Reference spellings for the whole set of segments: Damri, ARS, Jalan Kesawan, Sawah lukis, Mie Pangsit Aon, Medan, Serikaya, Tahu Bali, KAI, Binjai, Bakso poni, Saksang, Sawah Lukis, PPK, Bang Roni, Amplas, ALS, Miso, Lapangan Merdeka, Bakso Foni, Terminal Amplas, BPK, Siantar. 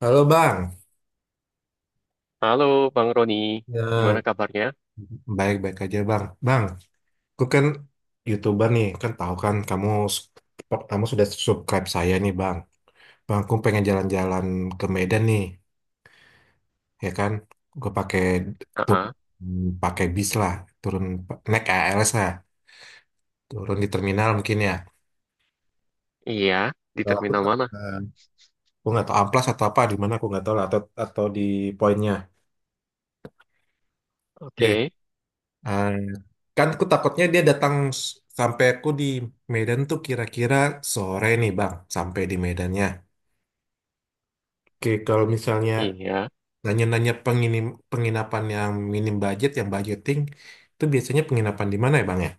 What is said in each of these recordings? Halo Bang, Halo Bang Roni, ya gimana kabarnya? baik-baik aja Bang. Bang, aku kan YouTuber nih, kan tahu kan kamu kamu sudah subscribe saya nih Bang. Bang, aku pengen jalan-jalan ke Medan nih, ya kan? Gue pakai tuh Aa, pakai bis lah, turun naik ALS lah, turun di terminal mungkin ya. iya, di Kalau aku terminal mana? eh, aku nggak tahu amplas atau apa di mana aku nggak tahu lah atau di poinnya. Oke, Ah, kan aku takutnya dia datang s- sampai aku di Medan tuh kira-kira sore nih Bang, sampai di Medannya. Oke, kalau misalnya iya. nanya-nanya penginapan yang minim budget, yang budgeting, itu biasanya penginapan di mana ya Bang ya?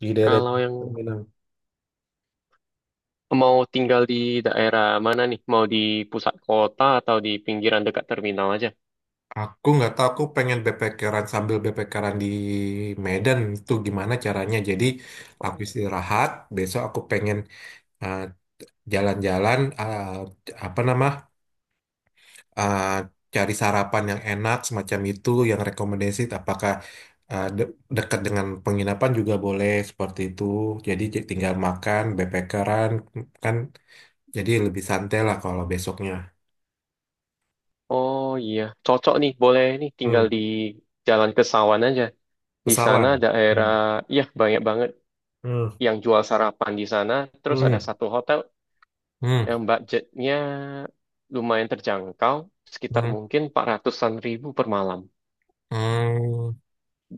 Di daerah Kalau yang terminal. mau tinggal di daerah mana nih? Mau di pusat kota atau di pinggiran dekat terminal aja? Aku nggak tahu, aku pengen backpackeran sambil backpackeran di Medan itu gimana caranya. Jadi aku istirahat, besok aku pengen eh, jalan-jalan, apa nama eh, cari sarapan yang enak semacam itu yang rekomendasi apakah eh, de- dekat dengan penginapan juga boleh seperti itu jadi tinggal makan backpackeran kan jadi lebih santai lah kalau besoknya. Oh iya, cocok nih, boleh nih tinggal Hmm. di Jalan Kesawan aja. Di sana Pesawat. daerah, Hmm. ya banyak banget Hmm. yang jual sarapan di sana. Terus ada Hmm. satu hotel Hmm. yang budgetnya lumayan terjangkau, sekitar Hmm. mungkin 400 ribuan per malam. Hmm.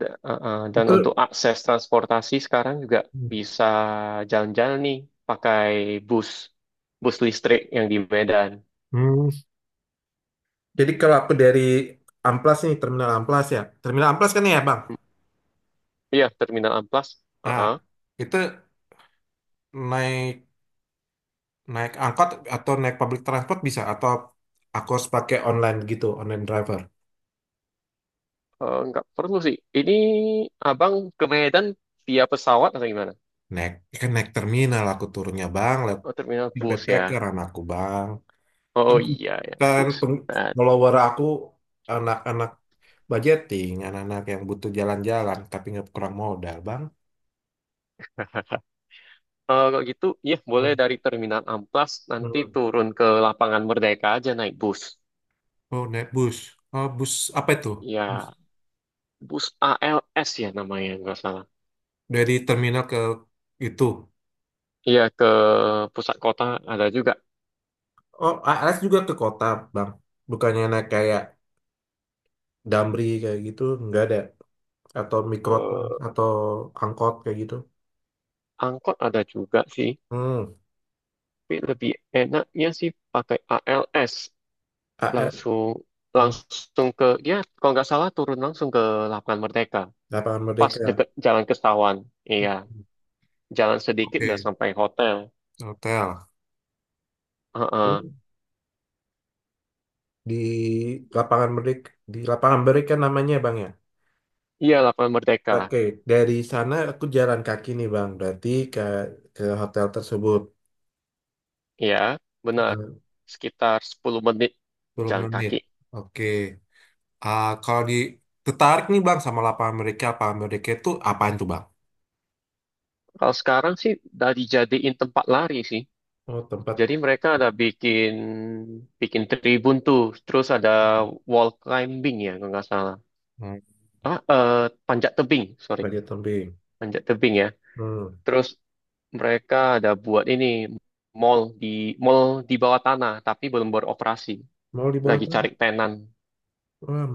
Dan untuk Itu. akses transportasi sekarang juga bisa jalan-jalan nih pakai bus, bus listrik yang di Medan. Hmm. Jadi kalau aku dari Amplas nih terminal Amplas ya terminal Amplas kan ya Bang. Iya, Terminal Amplas. Uh, uh. Ah, itu naik Naik angkot atau naik public transport bisa atau aku harus pakai online gitu, online driver. Nggak perlu sih. Ini abang ke Medan via pesawat atau gimana? Naik, ya kan naik terminal aku turunnya bang, lihat Oh, terminal bus PPK ya. anakku bang. Kan, Oh iya ya, kan, bus. Nah, follower aku anak-anak budgeting, anak-anak yang butuh jalan-jalan tapi nggak kurang modal bang. kalau gitu, ya boleh Hmm. dari Terminal Amplas nanti Hmm. turun ke Lapangan Merdeka aja naik bus. Oh naik bus, oh bus apa itu? Bus. Ya, bus ALS ya namanya nggak salah. Dari terminal ke itu. Iya ke pusat kota ada juga. Oh ARS juga ke kota bang, bukannya naik kayak Damri kayak gitu, nggak ada. Atau mikro Eh, atau angkot kayak gitu. Angkot ada juga sih. Hmm. Tapi lebih enaknya sih pakai ALS AR. langsung Hmm. langsung ke, ya kalau nggak salah turun langsung ke Lapangan Merdeka Lapangan pas Merdeka. deket Jalan Kestawan. Hmm. Iya, jalan sedikit udah Oke. sampai hotel. Hotel. Heeh. Hmm. Di di lapangan Merdeka namanya bang ya. Iya Lapangan Merdeka. Oke, dari sana aku jalan kaki nih bang, berarti ke ke hotel tersebut. Iya benar, eh, sekitar 10 menit 10 jalan menit. kaki. Oke. Ah, kalau di tertarik nih bang sama lapangan Merdeka itu apaan tuh bang? Kalau sekarang sih udah dijadiin tempat lari sih. Oh tempat. Jadi mereka ada bikin bikin tribun tuh, terus ada wall climbing ya kalau nggak salah. Hmm. Ah, eh, Panjat tebing, sorry, Panjat tebing. panjat tebing ya. Hmm. Terus mereka ada buat ini mall di mall bawah tanah, tapi belum beroperasi, Mau di bawah lagi cari tanah? tenan. Wah,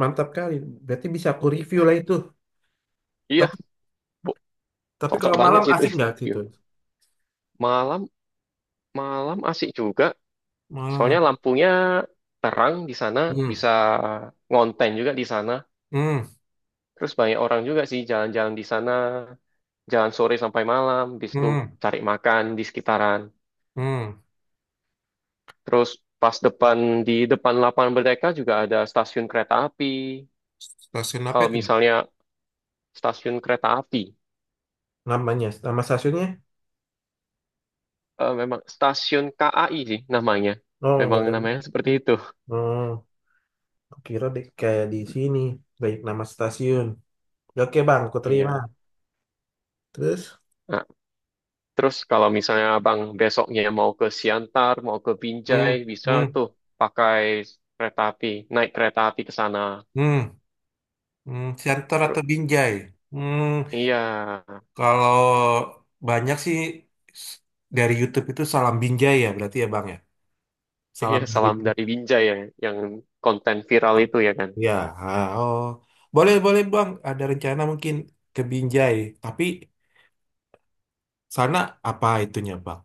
mantap kali. Berarti bisa aku review lah itu. Iya, Tapi bu, tapi Cocok kalau banget malam sih itu. asik nggak Iya. situ? Malam malam asik juga, Malam. Ah. soalnya lampunya terang di sana, Hmm. bisa ngonten juga di sana. Hmm. Terus banyak orang juga sih jalan-jalan di sana, jalan sore sampai malam, bis itu Hmm. cari makan di sekitaran. Hmm. Terus pas depan di depan Lapangan Merdeka juga ada stasiun kereta api. Stasiun apa Kalau itu? misalnya stasiun kereta api, Namanya, nama stasiunnya? Memang stasiun KAI sih namanya. Oh, Memang nggak ada. namanya seperti itu. Oh, aku kira di, kayak di sini. Baik nama stasiun. Oke bang, aku terima. Iya. Terus? Nah, terus kalau misalnya abang besoknya mau ke Siantar, mau ke Hmm. Binjai, bisa Hmm. tuh pakai kereta api, naik kereta api ke sana. Hmm. Hmm. Siantar Terus, atau Binjai? Hmm. iya, Kalau banyak sih s- dari YouTube itu salam Binjai ya berarti ya bang ya. iya Salam dari salam dari Binjai. Binjai ya, yang konten viral itu ya kan. Ya, ah, oh. Boleh, boleh Bang. Ada rencana mungkin ke Binjai. Tapi sana apa itunya Bang?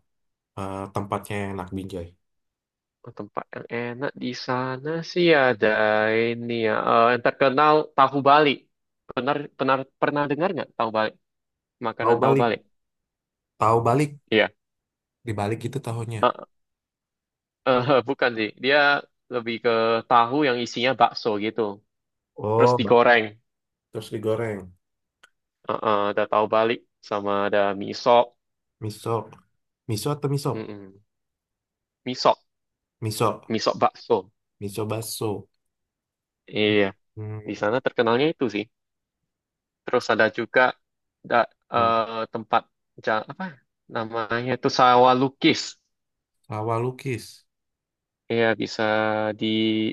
Eh, tempatnya yang enak Binjai. Oh, tempat yang enak di sana sih ada ini ya. Yang terkenal tahu Bali. Benar, benar pernah dengar nggak tahu Bali? Makanan Tahu tahu balik. Bali. Tahu balik. Iya. Dibalik itu tahunya. Eh, Bukan sih. Dia lebih ke tahu yang isinya bakso gitu. Terus Oh, Bang. digoreng. Terus digoreng. Ada tahu Bali sama ada miso. Miso. Miso atau miso? Mm-mm. Miso, Miso. miso bakso. Miso baso. Iya. Di Hmm. sana terkenalnya itu sih. Terus ada juga da, Hmm. Tempat apa namanya itu sawah lukis. Sawah lukis. Iya bisa di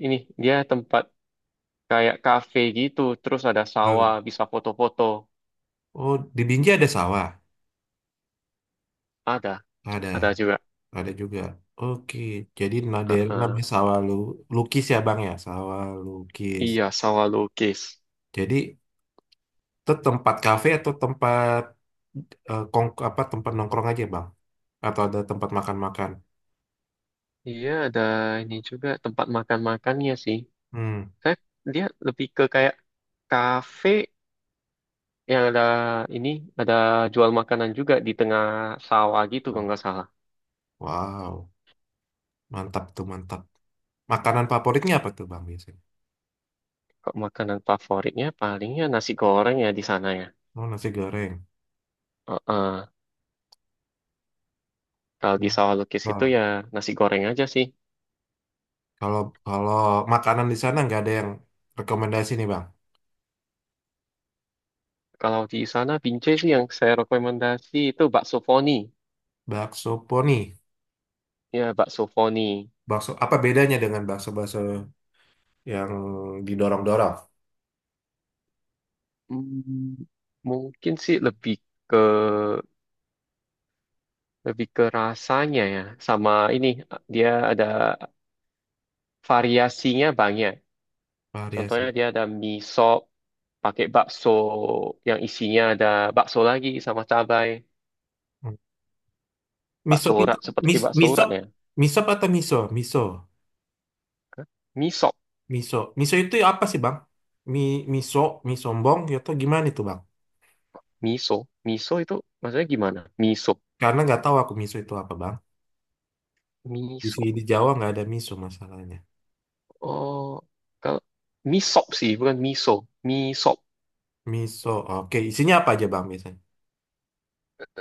ini, dia tempat kayak kafe gitu, terus ada Eh, sawah bisa foto-foto. Oh, di Binjai ada sawah? Ada, Ada. ada juga. Ada juga. Oke. Jadi nah, daerah Heeh. namanya sawah lukis ya Bang ya? Sawah lukis. Iya sawah lukis. Jadi itu tempat kafe atau tempat apa tempat nongkrong aja bang? Atau ada tempat makan-makan? Iya ada, ini juga tempat makan-makannya sih. Hmm. Saya, dia lebih ke kayak kafe yang ada ini, ada jual makanan juga di tengah sawah gitu kalau Bang. nggak salah. Wow, mantap tuh mantap. Makanan favoritnya apa tuh bang biasanya? Kok makanan favoritnya palingnya nasi goreng ya di sana ya. Oh nasi goreng. Heeh. Kalau Hmm. di sawah lukis itu Nah, ya nasi goreng aja sih. kalau kalau makanan di sana nggak ada yang rekomendasi nih bang. Kalau di sana Binjai sih yang saya rekomendasi itu bakso foni. Bakso poni. Ya, bakso foni. Bakso apa bedanya dengan bakso-bakso yang didorong-dorong? Hmm, mungkin sih lebih ke rasanya ya. Sama ini dia ada variasinya banyak. Contohnya Variasi. dia ada mie sop pakai bakso yang isinya ada bakso lagi sama cabai, Hmm. bakso Misop itu urat seperti bakso urat misop ya. misop atau miso? Miso? Hah? Mie sop, Miso. Miso itu apa sih, Bang? Mi, miso, mie sombong, ya atau gimana itu, Bang? miso, miso itu maksudnya gimana? Miso, Karena nggak tahu aku miso itu apa, Bang. Di miso. sini di Jawa nggak ada miso masalahnya. Oh, kalau mie sop sih, bukan miso. Mie sop. Miso, oke. Isinya apa aja, Bang, biasanya?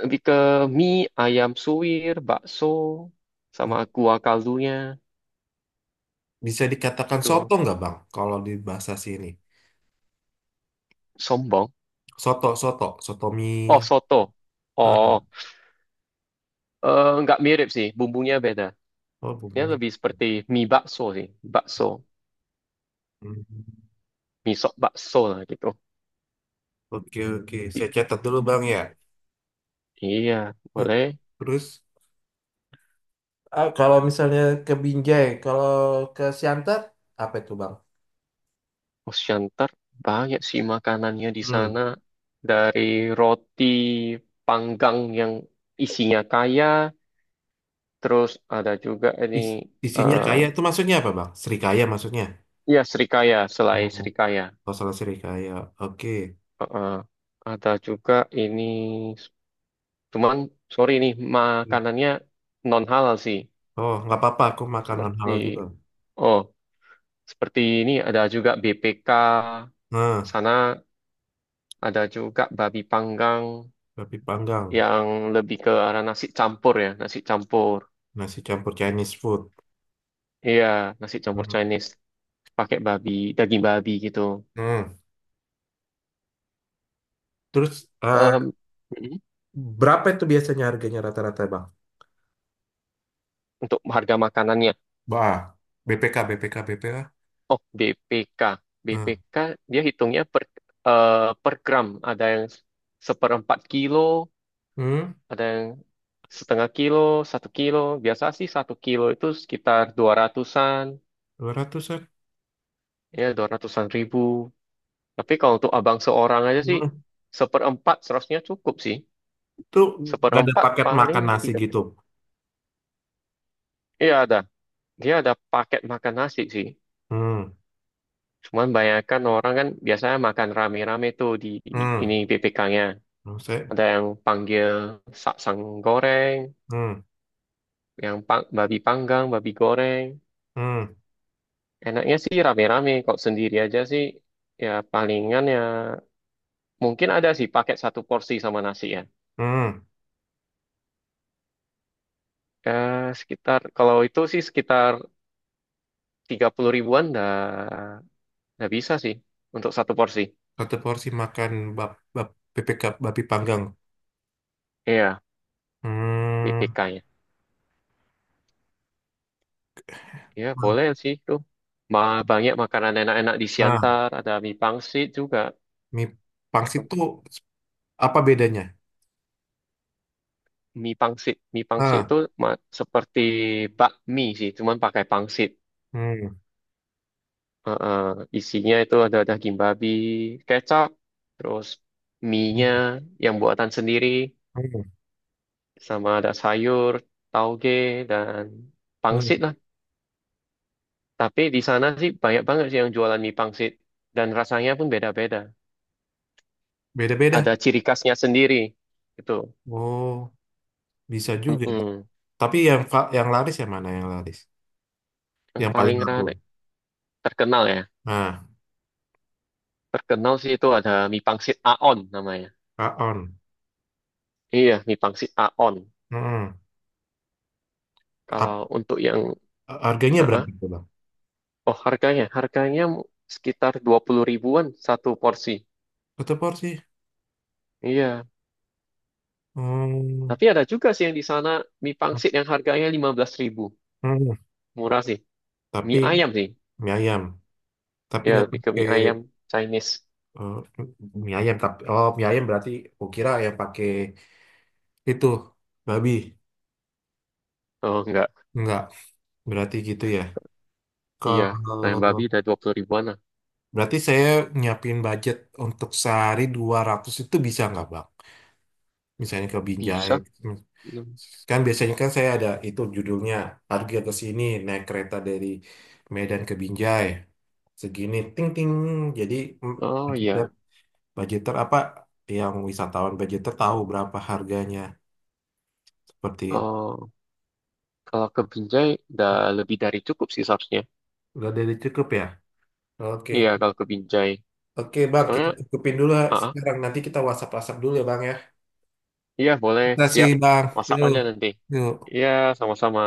Lebih ke mie, ayam suwir, bakso, sama Hmm. kuah kaldunya. Bisa dikatakan Tuh, soto nggak, Bang? Kalau di bahasa sini. sombong. Soto, soto. Soto Oh, mie. soto. Oh, Hmm. Nggak mirip sih. Bumbunya beda. Oh, Dia bumbunya. lebih seperti mie bakso sih. Bakso. Hmm. Mie sop bakso lah gitu. Oke, oke. I- Saya catat dulu, Bang, ya. iya, Nah, boleh. terus, ah, kalau misalnya ke Binjai, kalau ke Siantar, apa itu, Bang? Osyantar, banyak sih makanannya di sana. Dari roti panggang yang isinya kaya, terus ada juga ini, Is- isinya eh kaya itu maksudnya apa, Bang? Serikaya maksudnya? Srikaya, selai Oh, Srikaya. kalau salah serikaya. Oke. Heeh. Ada juga ini, cuman sorry nih, makanannya non halal sih. Oh, nggak apa-apa. Aku makan non Seperti, halal juga. oh, seperti ini ada juga BPK, Nah, sana ada juga babi panggang tapi panggang, yang lebih ke arah nasi campur ya, nasi campur. nasi campur Chinese food. Iya, nasi campur Hmm. Chinese, pakai babi, daging babi gitu. Hmm. Terus eh, Em, mm, berapa itu biasanya harganya rata-rata, Bang? untuk harga makanannya. Bah, BPK, BPK, BPK. Oh, BPK. Nah, BPK dia hitungnya per, eh, per gram. Ada yang seperempat kilo, hmm, ada yang setengah kilo, satu kilo. Biasa sih satu kilo itu sekitar dua ratusan, 200-an. ya 200 ribuan. Tapi kalau untuk abang seorang aja sih, Hmm. seperempat seharusnya cukup sih. Itu nggak ada Seperempat paket paling makan nasi tiga. gitu. Iya ada. Dia ada paket makan nasi sih. Hmm, Cuman bayangkan orang kan biasanya makan rame-rame tuh di ini hmm. BPK-nya. Maksudnya, Ada yang panggil saksang goreng, hmm, yang babi panggang, babi goreng. hmm, Enaknya sih rame-rame, kok sendiri aja sih ya palingan ya mungkin ada sih paket satu porsi sama nasi ya. hmm. Eh, Sekitar kalau itu sih sekitar 30 ribuan dah dah bisa sih untuk satu porsi. Satu porsi makan bab, bab, bebek ga- babi panggang. Iya, mie Hmm. PK-nya. Iya, boleh sih tuh. Ma Banyak makanan enak-enak di Nah, Siantar, ada mie pangsit juga. mie pangsit tuh apa bedanya? Mie pangsit. Mie pangsit itu Ah, seperti bakmi sih, cuman pakai pangsit. hmm, Heeh, isinya itu ada daging babi, kecap, terus mie-nya hmm, yang buatan sendiri, hmm, sama ada sayur, tauge, dan hmm. pangsit lah. Tapi di sana sih banyak banget sih yang jualan mie pangsit. Dan rasanya pun beda-beda. Ada Beda-beda. ciri khasnya sendiri. Itu. Oh, bisa juga. Mm-mm. Tapi yang laris yang mana yang laris? Yang Yang paling paling laku. rame, terkenal ya. Nah, Terkenal sih itu ada mie pangsit Aon namanya. Aon. Iya, mie pangsit Aon. Hmm. Kalau Ap- untuk yang harganya AA, berapa tuh, Bang? oh harganya, harganya sekitar 20 ribuan satu porsi. Satu porsi. Iya, Hmm. tapi ada juga sih yang di sana mie Hmm. pangsit yang harganya 15 ribu. Hmm. Murah sih. Tapi Mie ayam sih. mie ayam. Tapi Ya, nggak lebih ke mie pakai ayam Chinese. Eh, mie ayam tapi oh mie ayam berarti aku kira ya pakai itu babi Oh, enggak. enggak berarti gitu ya Iya, ayam babi kalau udah 20 ribuan lah. berarti saya nyiapin budget untuk sehari 200 itu bisa nggak Bang misalnya ke Binjai. Bisa. Hmm. Hmm. Kan biasanya kan saya ada itu judulnya harga ke sini naik kereta dari Medan ke Binjai segini ting ting jadi mm, Oh, budgeter iya. budgeter apa yang wisatawan budgeter tahu berapa harganya seperti itu. Oh, kalau ke Binjai udah lebih dari cukup sih seharusnya. Udah dari cukup ya? Oke. Iya, kalau ke Binjai. Oke, Bang, kita Soalnya, cukupin dulu ya AA sekarang. Nanti kita WhatsApp-WhatsApp dulu ya, Bang ya. iya, boleh. Terima kasih, Siap. Bang. Masak Yuk, aja nanti. yuk. Iya, sama-sama.